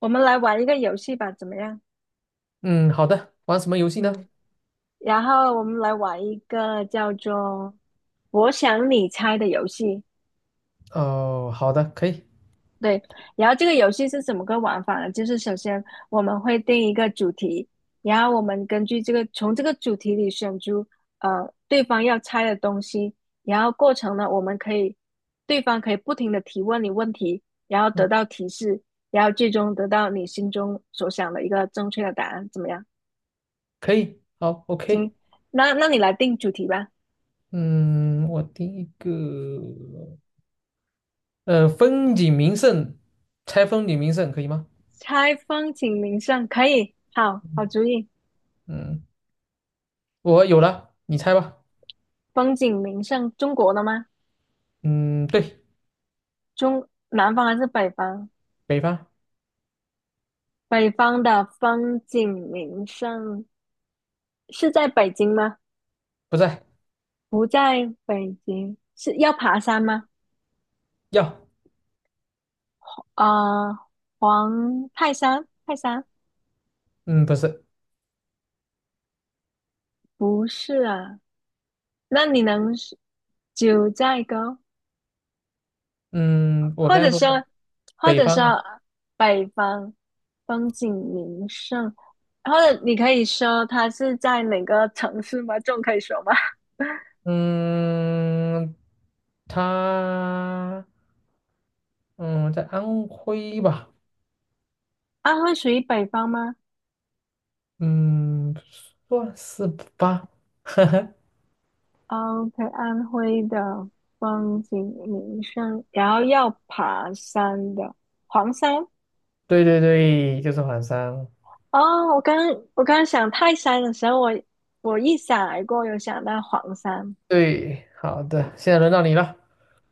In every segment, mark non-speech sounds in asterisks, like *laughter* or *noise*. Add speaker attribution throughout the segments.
Speaker 1: 我们来玩一个游戏吧，怎么样？
Speaker 2: 嗯，好的，玩什么游戏呢？
Speaker 1: 嗯，我们来玩一个叫做“我想你猜”的游戏。
Speaker 2: 哦，好的，可以，
Speaker 1: 对，然后这个游戏是怎么个玩法呢？就是首先我们会定一个主题，然后我们根据这个从这个主题里选出对方要猜的东西，然后过程呢，我们可以对方可以不停的提问你问题，然后得
Speaker 2: 嗯，
Speaker 1: 到提示，然后最终得到你心中所想的一个正确的答案，怎么样？
Speaker 2: 可以，好，OK，
Speaker 1: 行，那你来定主题吧。
Speaker 2: 嗯，我第一个，风景名胜，猜风景名胜可以吗？
Speaker 1: 猜风景名胜可以，好好主意。
Speaker 2: 嗯，我有了，你猜吧。
Speaker 1: 风景名胜，中国的吗？
Speaker 2: 嗯，对，
Speaker 1: 中南方还是北方？
Speaker 2: 北方。
Speaker 1: 北方的风景名胜是在北京吗？
Speaker 2: 不在。
Speaker 1: 不在北京，是要爬山吗？
Speaker 2: 要。
Speaker 1: 啊，黄泰山，泰山
Speaker 2: 嗯，不是。
Speaker 1: 不是啊。那你能是九寨沟？
Speaker 2: 嗯，我
Speaker 1: 或
Speaker 2: 刚
Speaker 1: 者
Speaker 2: 才说的
Speaker 1: 说，或
Speaker 2: 北
Speaker 1: 者
Speaker 2: 方啊。
Speaker 1: 说北方风景名胜，或者你可以说它是在哪个城市吗？这种可以说吗？
Speaker 2: 嗯，他，嗯，在安徽吧。
Speaker 1: *laughs* 安徽属于北方吗
Speaker 2: 嗯，算是吧。*laughs* 哈。
Speaker 1: ？OK,安徽的风景名胜，然后要爬山的黄山。
Speaker 2: 对对对，就是缓三。
Speaker 1: 哦，我刚想泰山的时候，我一闪而过，有想到黄山。
Speaker 2: 对，好的，现在轮到你了。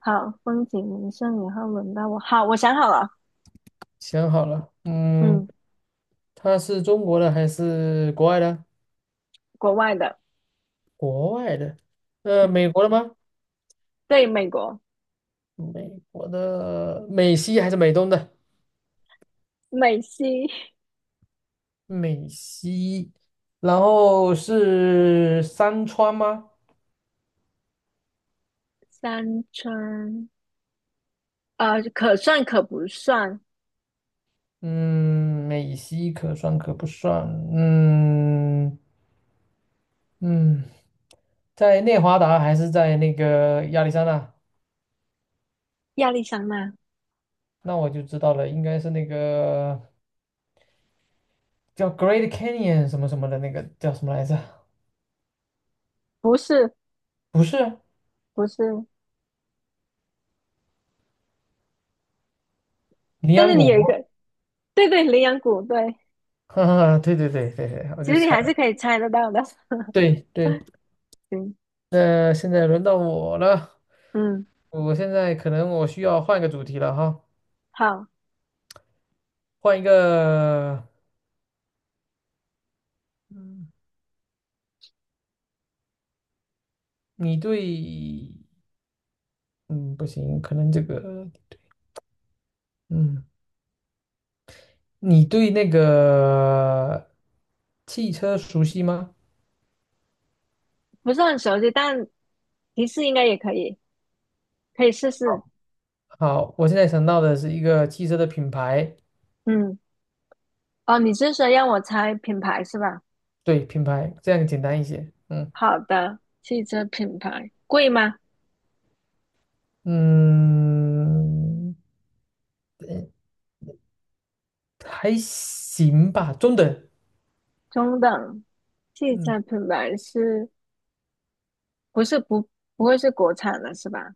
Speaker 1: 好，风景名胜，然后轮到我。好，我想好了，
Speaker 2: 想好了，嗯，
Speaker 1: 嗯，
Speaker 2: 它是中国的还是国外的？
Speaker 1: 国外的。
Speaker 2: 国外的，美
Speaker 1: 嗯。
Speaker 2: 国的吗？
Speaker 1: 对，美国
Speaker 2: 美国的，美西还是美东的？
Speaker 1: 美西
Speaker 2: 美西，然后是山川吗？
Speaker 1: 三川，可算可不算
Speaker 2: 嗯，美西可算可不算？嗯，嗯，在内华达还是在那个亚利桑那？
Speaker 1: 亚利桑那？
Speaker 2: 那我就知道了，应该是那个叫 Great Canyon 什么什么的那个叫什么来着？
Speaker 1: 不是，
Speaker 2: 不是，
Speaker 1: 不是，
Speaker 2: 羚
Speaker 1: 但是
Speaker 2: 羊
Speaker 1: 你有一
Speaker 2: 谷。
Speaker 1: 个，对对，羚羊谷，对，
Speaker 2: *laughs* 哈哈，*laughs* 对对对对对，我
Speaker 1: 其
Speaker 2: 就
Speaker 1: 实你
Speaker 2: 猜
Speaker 1: 还是
Speaker 2: 了。
Speaker 1: 可以猜得到的。*laughs*
Speaker 2: 对对。
Speaker 1: 行，
Speaker 2: 那现在轮到我了，
Speaker 1: 嗯，
Speaker 2: 我现在可能我需要换个主题了哈，
Speaker 1: 好，
Speaker 2: 换一个，嗯，你对，嗯，不行，可能这个，嗯，你对那个汽车熟悉吗？
Speaker 1: 不是很熟悉，但提示应该也可以，可以试试。
Speaker 2: 好，我现在想到的是一个汽车的品牌。
Speaker 1: 嗯，哦，你是说让我猜品牌是吧？
Speaker 2: 对，品牌，这样简单一些，嗯。
Speaker 1: 好的，汽车品牌贵吗？
Speaker 2: 嗯，还行吧，中等。
Speaker 1: 中等，汽
Speaker 2: 嗯，
Speaker 1: 车品牌是不是不不会是国产的是吧？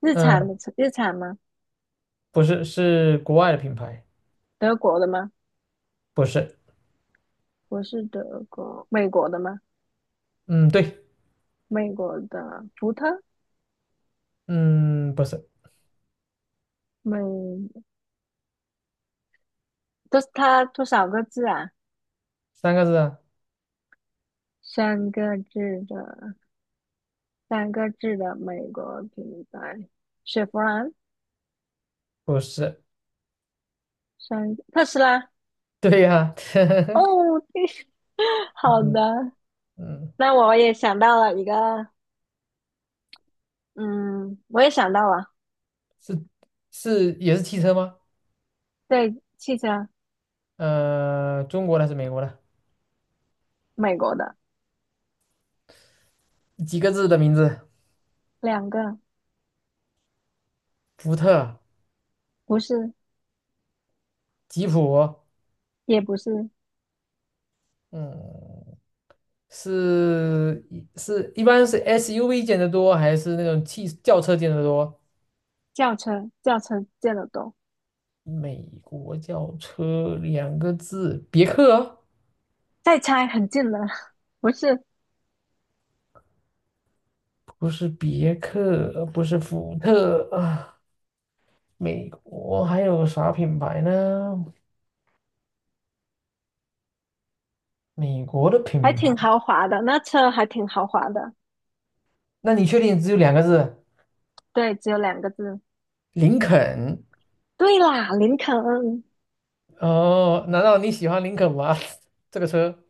Speaker 1: 日产
Speaker 2: 呃，
Speaker 1: 的日产吗？
Speaker 2: 不是，是国外的品牌。
Speaker 1: 德国的吗？
Speaker 2: 不是。
Speaker 1: 不是德国，美国的吗？
Speaker 2: 嗯，对。
Speaker 1: 美国的福特，
Speaker 2: 嗯，不是。
Speaker 1: 美都是它多少个字啊？
Speaker 2: 三个字啊。
Speaker 1: 三个字的，三个字的美国品牌，雪佛兰，
Speaker 2: 不是。
Speaker 1: 三特斯拉。
Speaker 2: 对呀、*laughs*
Speaker 1: 哦，对 *laughs* 好
Speaker 2: 嗯，
Speaker 1: 的，
Speaker 2: 嗯，
Speaker 1: 那我也想到了一个，嗯，我也想到了，
Speaker 2: 是是也是汽车吗？
Speaker 1: 对，汽车，
Speaker 2: 中国的还是美国的？
Speaker 1: 美国的
Speaker 2: 几个字的名字？
Speaker 1: 两个，
Speaker 2: 福特、
Speaker 1: 不是，
Speaker 2: 吉普。
Speaker 1: 也不是，
Speaker 2: 嗯，是是一般是 SUV 见得多，还是那种汽轿车见得多？
Speaker 1: 轿车，轿车见得多。
Speaker 2: 美国轿车两个字，别克啊。
Speaker 1: 再猜很近了，*laughs* 不是，
Speaker 2: 不是别克，不是福特啊。美国还有啥品牌呢？美国的
Speaker 1: 还
Speaker 2: 品
Speaker 1: 挺
Speaker 2: 牌。
Speaker 1: 豪华的，那车还挺豪华的。
Speaker 2: 那你确定只有两个字？
Speaker 1: 对，只有两个字。
Speaker 2: 林肯。
Speaker 1: 对啦，林肯
Speaker 2: 哦，难道你喜欢林肯吗？*laughs* 这个车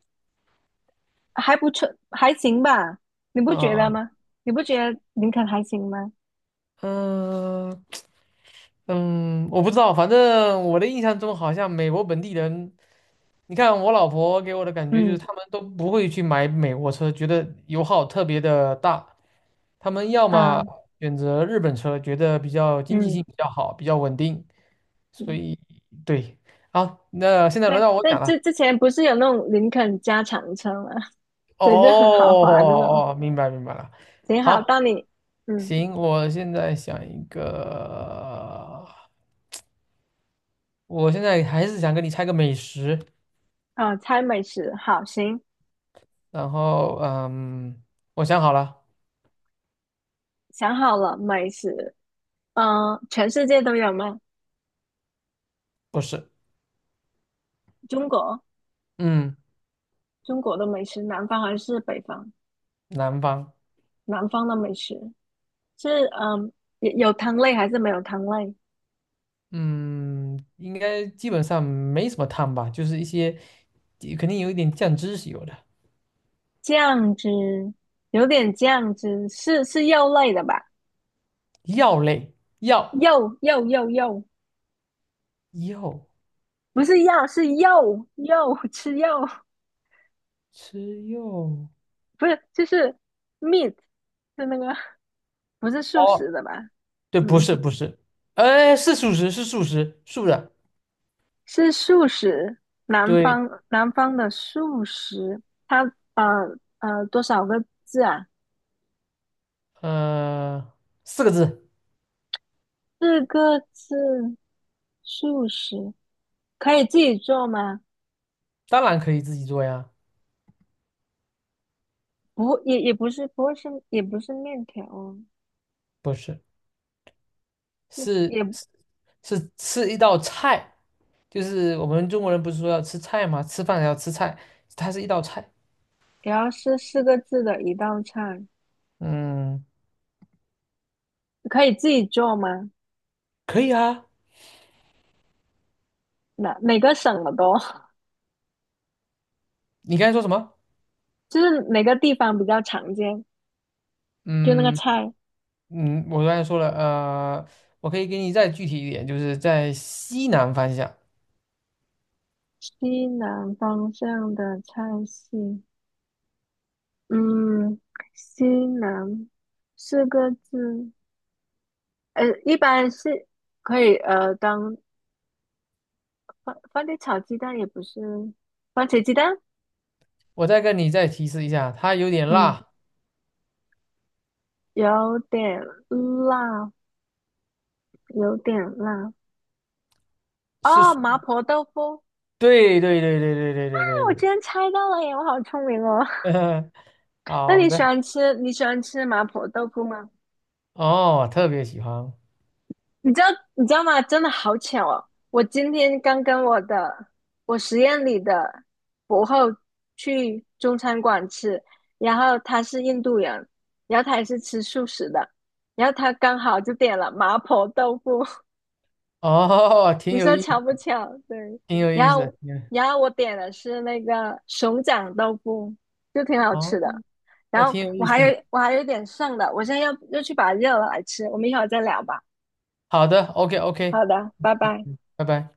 Speaker 1: 还不错，还行吧？你不觉得
Speaker 2: 啊。
Speaker 1: 吗？你不觉得林肯还行吗？
Speaker 2: 嗯，嗯，我不知道，反正我的印象中好像美国本地人，你看我老婆给我的感觉就是，
Speaker 1: 嗯
Speaker 2: 他们都不会去买美国车，觉得油耗特别的大。他们要么
Speaker 1: 啊，
Speaker 2: 选择日本车，觉得比较经济
Speaker 1: 嗯
Speaker 2: 性比较好，比较稳定。所
Speaker 1: 嗯，
Speaker 2: 以，对，好，那现在轮
Speaker 1: 对，
Speaker 2: 到我
Speaker 1: 在
Speaker 2: 讲了。
Speaker 1: 之前不是有那种林肯加长车吗？*laughs*
Speaker 2: 哦，
Speaker 1: 对，就很豪华那种。
Speaker 2: 哦哦哦，明白明白了。
Speaker 1: 行，好，到
Speaker 2: 好，
Speaker 1: 你，嗯，
Speaker 2: 行，我现在想一个，我现在还是想跟你猜个美食。
Speaker 1: 啊，猜美食，好，行，
Speaker 2: 然后，嗯，我想好了。
Speaker 1: 想好了，美食，嗯、全世界都有吗？
Speaker 2: 不是。
Speaker 1: 中国。
Speaker 2: 嗯，
Speaker 1: 中国的美食，南方还是北方？
Speaker 2: 南方。
Speaker 1: 南方的美食是嗯，有汤类还是没有汤类？
Speaker 2: 嗯，应该基本上没什么汤吧，就是一些肯定有一点酱汁是有的。
Speaker 1: 酱汁有点酱汁，是肉类的吧？
Speaker 2: 药类。药。
Speaker 1: 肉肉肉肉，
Speaker 2: 药。
Speaker 1: 不是药是肉肉吃肉，
Speaker 2: 吃药。
Speaker 1: 不是就是 meat 是那个不是素
Speaker 2: 哦，
Speaker 1: 食的吧？
Speaker 2: 对，不
Speaker 1: 嗯，
Speaker 2: 是不是。哎，是素食，是素食，素的。
Speaker 1: 是素食，南
Speaker 2: 对。
Speaker 1: 方南方的素食，它呃多少个字啊？
Speaker 2: 呃，四个字。
Speaker 1: 四个字，素食可以自己做吗？
Speaker 2: 当然可以自己做呀。
Speaker 1: 不，也不是，不会是，也不是面条哦，
Speaker 2: 不是，是
Speaker 1: 也
Speaker 2: 是是吃一道菜，就是我们中国人不是说要吃菜吗？吃饭要吃菜，它是一道菜。
Speaker 1: 也要是四个字的一道菜，
Speaker 2: 嗯，
Speaker 1: 可以自己做吗？
Speaker 2: 可以啊。
Speaker 1: 哪个省的多？*laughs*
Speaker 2: 你刚才说什么？
Speaker 1: 就是哪个地方比较常见，就那个
Speaker 2: 嗯，
Speaker 1: 菜，
Speaker 2: 我刚才说了，我可以给你再具体一点，就是在西南方向。
Speaker 1: 西南方向的菜系，嗯，西南四个字，呃，一般是可以当番茄炒鸡蛋，也不是番茄鸡蛋，
Speaker 2: 我再跟你再提示一下，它有点
Speaker 1: 嗯。
Speaker 2: 辣。
Speaker 1: 有点辣，有点辣。哦，
Speaker 2: 是。
Speaker 1: 麻婆豆腐。
Speaker 2: 对对对对对对对对
Speaker 1: 那我居
Speaker 2: 对。
Speaker 1: 然猜到了耶！我好聪明哦。
Speaker 2: *laughs*
Speaker 1: *laughs* 那
Speaker 2: 好
Speaker 1: 你喜
Speaker 2: 的。
Speaker 1: 欢吃你喜欢吃麻婆豆腐吗？
Speaker 2: 哦，特别喜欢。
Speaker 1: 你知道你知道吗？真的好巧哦！我今天刚跟我实验里的博后去中餐馆吃，然后他是印度人，然后他也是吃素食的，然后他刚好就点了麻婆豆腐。
Speaker 2: 哦，挺
Speaker 1: 你
Speaker 2: 有
Speaker 1: 说
Speaker 2: 意，
Speaker 1: 巧不巧？对，
Speaker 2: 挺有意
Speaker 1: 然
Speaker 2: 思的，
Speaker 1: 后
Speaker 2: 挺有。
Speaker 1: 然后我点的是那个熊掌豆腐，就挺好吃
Speaker 2: 哦，
Speaker 1: 的。然
Speaker 2: 那
Speaker 1: 后
Speaker 2: 挺有意思的。
Speaker 1: 我还有一点剩的，我现在要去把它热了来吃。我们一会儿再聊吧。
Speaker 2: 好的，OK
Speaker 1: 好
Speaker 2: OK，
Speaker 1: 的，拜
Speaker 2: 嗯
Speaker 1: 拜。
Speaker 2: 嗯，拜拜。